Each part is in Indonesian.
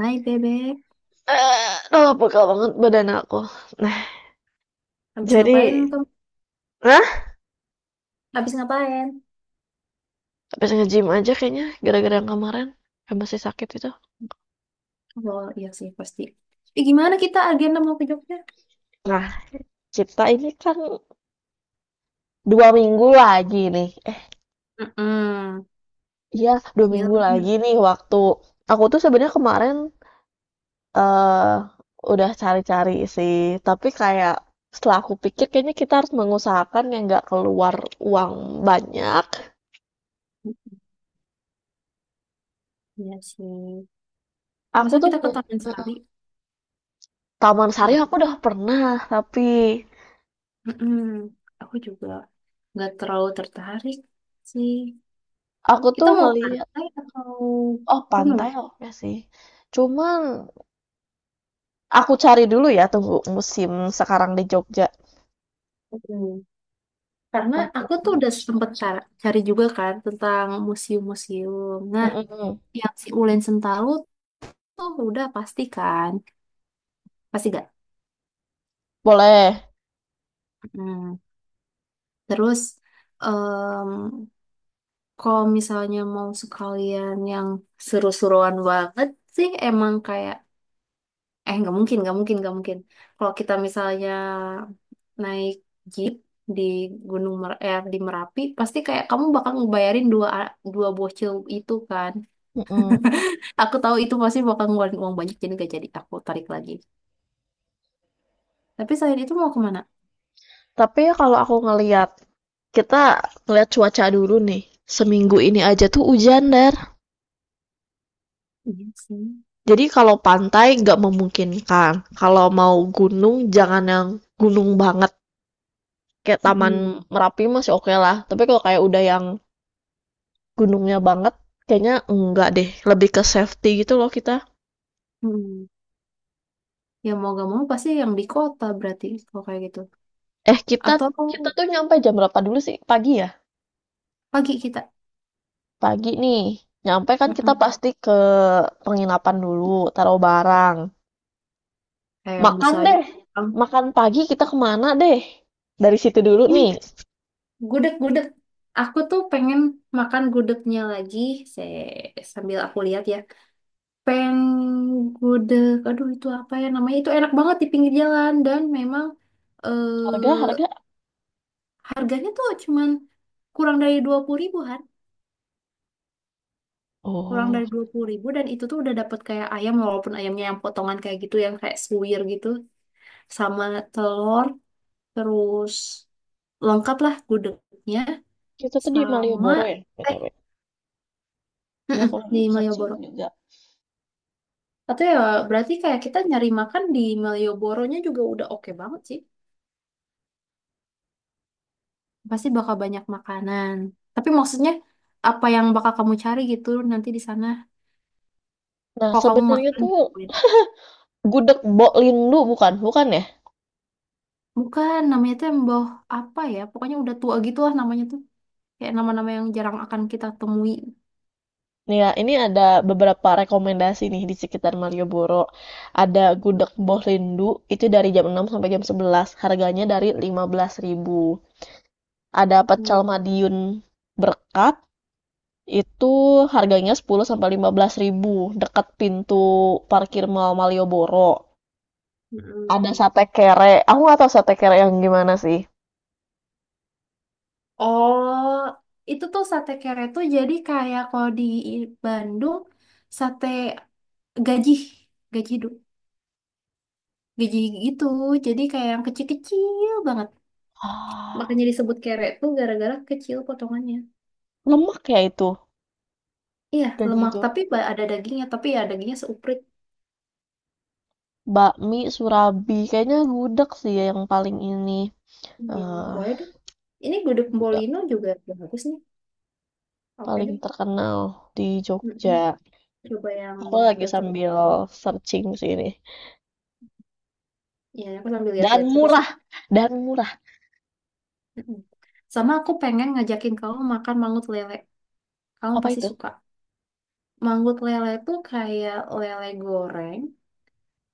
Hai bebek, Eh, aduh pegel banget badan aku. Nah, habis jadi, ngapain kamu? nah, Habis ngapain? habis nge-gym aja kayaknya gara-gara yang kemarin yang masih sakit itu. Oh iya sih pasti. Gimana kita agenda mau ke Jogja? Nah, kita ini kan 2 minggu lagi nih. Eh, Mm-mm. iya, dua Iya minggu lagi nggak? lagi nih waktu aku tuh sebenarnya kemarin eh udah cari-cari sih, tapi kayak setelah aku pikir kayaknya kita harus mengusahakan yang nggak keluar uang banyak. Iya sih. Masa Aku tuh kita ke Taman Sari? Taman Sari Enggak. aku udah pernah, tapi Mm-mm. Aku juga nggak terlalu tertarik sih. aku Kita tuh mau ngelihat. pantai atau Oh, gunung? pantai oke sih. Cuman aku cari dulu ya tunggu musim sekarang di Jogja. mm Karena aku tuh Laporan udah sempet cuaca. Cari juga kan tentang museum-museum. Nah, Mm-mm. yang si Ulen Sentalu tuh udah pasti kan? Pasti gak? Boleh. Nah, terus em, kalau misalnya mau sekalian yang seru-seruan banget sih emang kayak nggak mungkin nggak mungkin nggak mungkin. Kalau kita misalnya naik jeep di di Merapi pasti kayak kamu bakal ngebayarin dua dua bocil itu kan. Mm-mm. Aku tahu itu pasti bakal ngeluarin uang banyak jadi gak jadi aku tarik lagi. Tapi selain itu mau kemana? Tapi ya kalau aku ngeliat, kita ngeliat cuaca dulu nih. Seminggu ini aja tuh hujan, Der. Iya sih. Jadi kalau pantai nggak memungkinkan. Kalau mau gunung, jangan yang gunung banget. Kayak Taman Mm-mm. Merapi masih oke lah. Tapi kalau kayak udah yang gunungnya banget, kayaknya enggak deh. Lebih ke safety gitu loh kita. Mm-mm. Ya mau gak mau pasti yang di kota berarti kalau kayak gitu. Eh, kita Atau kita tuh nyampe jam berapa dulu sih? Pagi ya? pagi kita. Pagi nih. Nyampe kan kita Mm-mm. pasti ke penginapan dulu, taruh barang. Kayak yang Makan bisa aja. deh. um, Makan pagi kita kemana deh? Dari situ dulu hmm, nih. gudeg gudeg aku tuh pengen makan gudegnya lagi saya sambil aku lihat ya, peng gudeg aduh itu apa ya namanya itu enak banget di pinggir jalan dan memang Harga, eh, harga. harganya tuh cuman kurang dari 20 ribuan, kurang Oh, dari 20 ribu dan itu tuh udah dapet kayak ayam walaupun ayamnya yang potongan kayak gitu yang kayak suwir gitu sama telur terus lengkap lah gudegnya. kita tuh di Sama Malioboro ya, eh BTW. Ini aku mm-mm, lagi di searching Malioboro. juga. Atau ya berarti kayak kita nyari makan di Malioboronya juga udah oke banget sih. Pasti bakal banyak makanan. Tapi maksudnya apa yang bakal kamu cari gitu nanti di sana Nah, kalau kamu sebenarnya makan di tuh kuliner. Gudeg Bok Lindu bukan? Bukan ya? Bukan namanya tuh yang bawah apa ya? Pokoknya udah tua gitu lah namanya tuh. Kayak nama-nama yang jarang akan kita temui. Nih ya, ini ada beberapa rekomendasi nih di sekitar Malioboro. Ada Mm-mm, gudeg Mbah Lindu, itu dari jam 6 sampai jam 11. Harganya dari 15 ribu. Ada pecel mm-mm, Madiun Berkat, itu harganya 10 sampai 15 ribu. Dekat pintu parkir Mall Malioboro. Ada mm-mm. sate kere, aku nggak tahu sate kere yang gimana sih. Oh, itu tuh sate kere tuh jadi kayak kalau di Bandung sate gaji, gaji du- gaji gitu. Jadi kayak yang kecil-kecil banget. Ah, Makanya disebut kere tuh gara-gara kecil potongannya. lemak ya itu, Iya, gaji lemak itu. tapi ada dagingnya, tapi ya dagingnya seuprit. Bakmi Surabi, kayaknya gudeg sih yang paling ini. Iya, eh boleh deh. Ini gudeg Bolino juga bagus nih. Oke paling deh. terkenal di Mm-mm. Jogja. Coba Aku yang lagi tertentu. sambil searching sih ini. Ya, aku sambil Dan lihat-lihat juga sih. murah, dan murah. Mm-mm. Sama aku pengen ngajakin kamu makan mangut lele. Kamu Apa pasti itu? suka. Manggut lele tuh kayak lele goreng,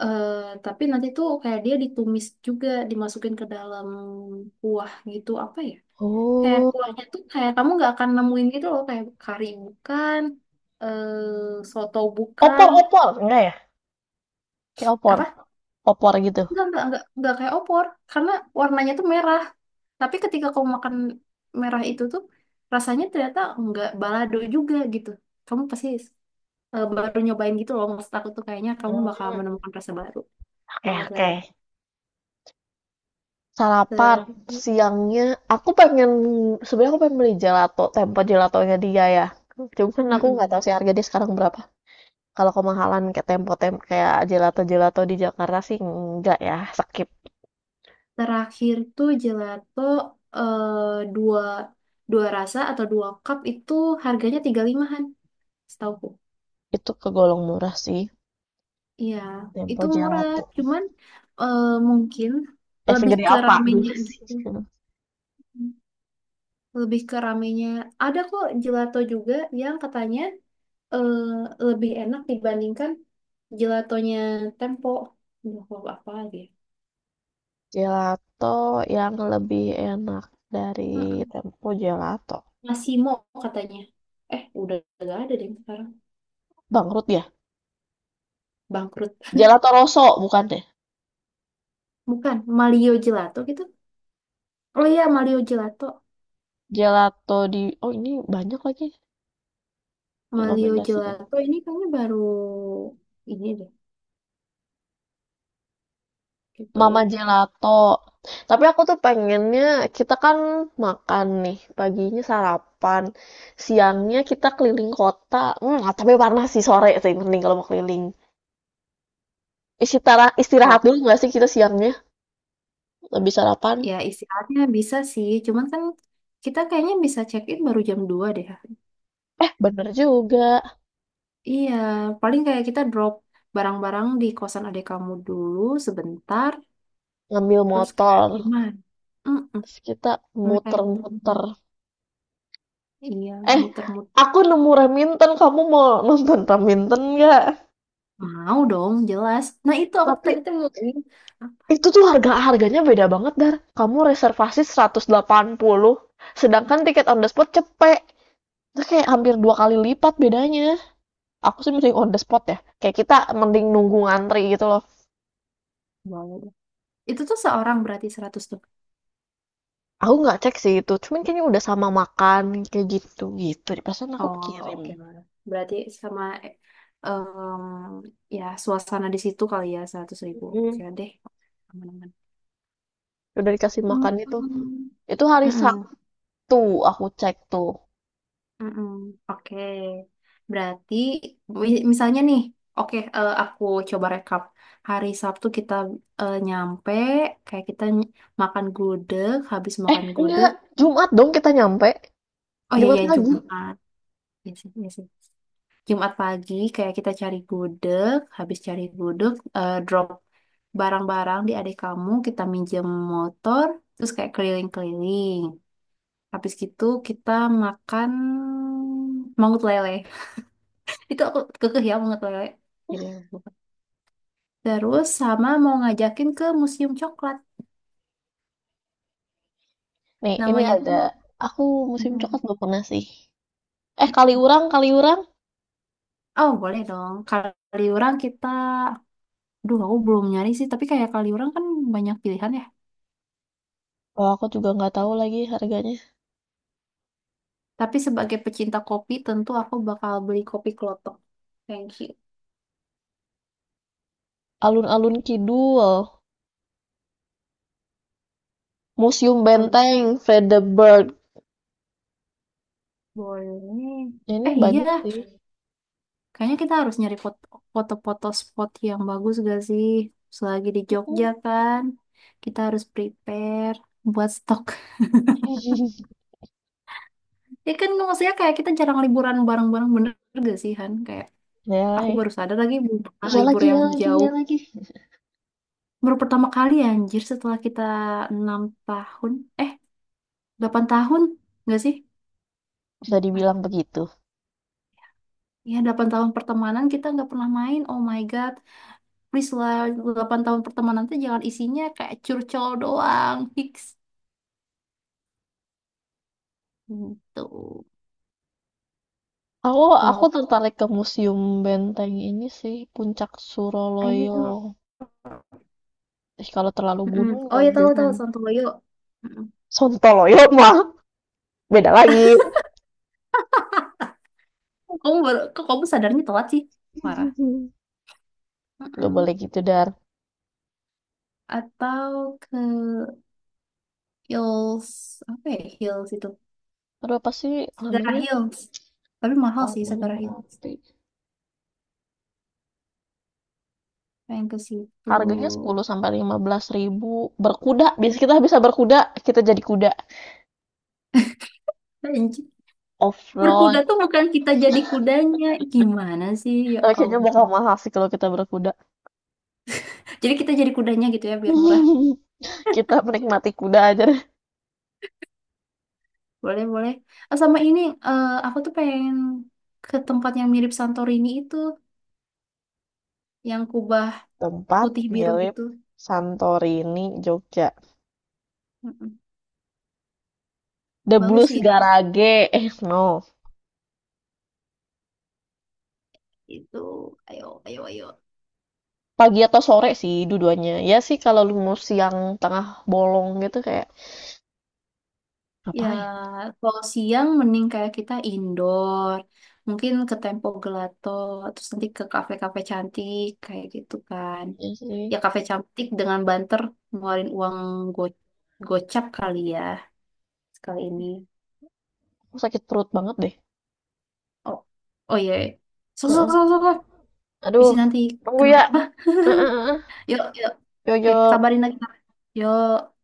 eh, tapi nanti tuh kayak dia ditumis juga, dimasukin ke dalam kuah gitu, apa ya? Kayak kuahnya Oh, tuh kayak kamu nggak akan nemuin gitu loh, kayak kari bukan, soto bukan, opor-opor, enggak ya? Kayak opor, apa? opor gitu. Nggak kayak opor, karena warnanya tuh merah. Tapi ketika kamu makan merah itu tuh, rasanya ternyata nggak balado juga gitu. Kamu pasti baru nyobain gitu loh. Maksud aku tuh kayaknya kamu bakal Hmm, menemukan rasa baru. oke, Mango oke. planet. Sarapan Ter- siangnya, aku pengen sebenarnya aku pengen beli gelato, tempo gelatonya dia ya. Cuman aku nggak tahu Mm-mm. sih harga dia sekarang berapa. Kalau kemahalan kayak tempo kayak gelato gelato di Jakarta sih enggak ya, skip. Terakhir tuh gelato eh, dua dua rasa atau dua cup itu harganya 35-an setauku. Itu kegolong murah sih. Iya, itu Tempo murah. gelato. Cuman eh, mungkin Eh, lebih segede ke apa ramenya dulu sih? gitu. Lebih ke ramenya. Ada kok gelato juga yang katanya eh, lebih enak dibandingkan gelatonya Tempo. Duh, apa lagi ya? Gelato yang lebih enak dari Mm-mm. Tempo Gelato. Massimo katanya. Eh, udah gak ada deh sekarang. Bangkrut ya? Bangkrut. Gelato Rosso bukan deh. Bukan, Malio Gelato gitu. Oh iya, Malio Gelato. Gelato di Oh, ini banyak lagi Malio rekomendasinya. Gelato ini kayaknya baru ini deh Mama gitu. Gelato. Tapi aku tuh pengennya kita kan makan nih, paginya sarapan, siangnya kita keliling kota. Hmm, ah, tapi panas sih sore sih mending kalau mau keliling. Istirahat istirahat Oh, dulu nggak sih kita siangnya? Lebih sarapan. ya istirahatnya bisa sih. Cuman kan kita kayaknya bisa check-in baru jam 2 deh. Eh, bener juga. Iya, paling kayak kita drop barang-barang di kosan adik kamu dulu sebentar. Ngambil Terus kayak motor. gimana? Mm-mm. Terus kita Kayak gitu. muter-muter. Iya, Eh, muter-muter. aku nemu Raminten, kamu mau nonton Raminten nggak? Mau dong, jelas. Nah, itu aku Tapi tadi tuh mau ngomongin. Ah, itu tuh harga-harganya beda banget, Dar. Kamu reservasi 180 sedangkan tiket on the spot cepet. Itu kayak hampir dua kali lipat bedanya. Aku sih mending on the spot ya. Kayak kita mending nunggu ngantri gitu loh. boleh. Itu tuh seorang berarti 100 tuh. Aku nggak cek sih itu, cuman kayaknya udah sama makan kayak gitu gitu. Di pesan aku Oh, kirim. oke lah. Berarti sama eh, em, ya suasana di situ kali ya 100 ribu. Oke Mm, deh. Aman-aman. udah dikasih Mm, makan itu. mm, Itu hari Tuh, aku cek tuh. mm, mm. Oke. Berarti misalnya nih, oke aku coba rekap. Hari Sabtu kita nyampe, kayak makan gudeg, habis makan Enggak, gudeg. Jumat dong kita nyampe. Oh iya Jumat iya lagi. Jumat. Iya sih, iya sih. Jumat pagi kayak kita cari gudeg, habis cari gudeg, drop barang-barang di adik kamu, kita minjem motor, terus kayak keliling-keliling. Habis gitu kita makan mangut lele. Itu aku kekeh ya mangut lele. Jadi aku lupa. Terus sama mau ngajakin ke Museum Coklat. Nih, ini Namanya tuh. ada. Aku musim coklat belum pernah sih. Eh, Kaliurang, Kaliurang. Oh, boleh dong. Kaliurang kita, aduh aku belum nyari sih, tapi kayak Kaliurang kan banyak pilihan ya. Oh, aku juga nggak tahu lagi harganya. Tapi sebagai pecinta kopi, tentu aku bakal beli kopi klotok. Thank you. Alun-alun Kidul. Museum Kalau Benteng, Fredeberg. boleh, Ya, ini eh banyak iya, sih. kayaknya kita harus nyari foto-foto spot yang bagus gak sih? Selagi di Jogja kan, kita harus prepare buat stok. Ya kan maksudnya kayak kita jarang liburan bareng-bareng bener gak sih Han? Kayak Ya, aku lagi. baru sadar lagi belum pernah Ya libur lagi, ya yang lagi, ya jauh. lagi. Baru pertama kali anjir setelah kita 6 tahun, eh 8 tahun gak sih? Bisa dibilang begitu. Ya, 8 tahun pertemanan kita nggak pernah main. Oh my God. Please lah, 8 tahun pertemanan tuh jangan isinya kayak curcol doang. Fix. Gitu. Aku, aku Wow. tertarik ke Museum Benteng ini sih. Puncak Suroloyo. Ayo. Ih, kalau terlalu Mm-mm. gunung Oh mah ya, tahu jangan. tahu Santoyo. Mm-mm. Sontoloyo mah beda lagi. Kok kamu baru, kok kamu sadarnya telat sih? Parah. Nggak Mm-mm. boleh gitu, Dar. Atau ke Hills. Apa ya Hills itu? Aduh, apa sih Sagara namanya? Hills. Tapi mahal sih Taman Sagara Hills. Merapi. Pengen ke situ. Harganya sepuluh sampai 15 ribu. Berkuda. Biasa kita bisa berkuda, kita jadi kuda. Berkuda Off-road. tuh bukan kita jadi kudanya. Gimana sih? Ya Eh, kayaknya ampun. bakal mahal sih kalau kita berkuda. Jadi kita jadi kudanya gitu ya biar murah. Kita menikmati kuda aja deh. Boleh, boleh. Oh, sama ini aku tuh pengen ke tempat yang mirip Santorini itu, yang kubah Tempat putih biru mirip gitu. Santorini, Jogja. Mm-mm. The Bagus Blues sih Garage. Eh, no. itu. Ayo, ayo, ayo. Pagi atau sore sih dua-duanya. Ya sih kalau lu mau siang tengah bolong gitu kayak. Ya, Ngapain? kalau siang mending kayak kita indoor. Mungkin ke Tempo Gelato, terus nanti ke kafe-kafe cantik kayak gitu kan. Iya sih. Ya kafe cantik dengan banter ngeluarin uang go gocap kali ya sekali ini. Aku sakit perut banget deh. Oh, oh iya. So, so, Heeh. so, so, so. Bisa Aduh, nanti tunggu ya. kenapa-napa. Heeh heeh. Yuk, yuk. Yo Oke, yo. kabarin lagi. Yuk.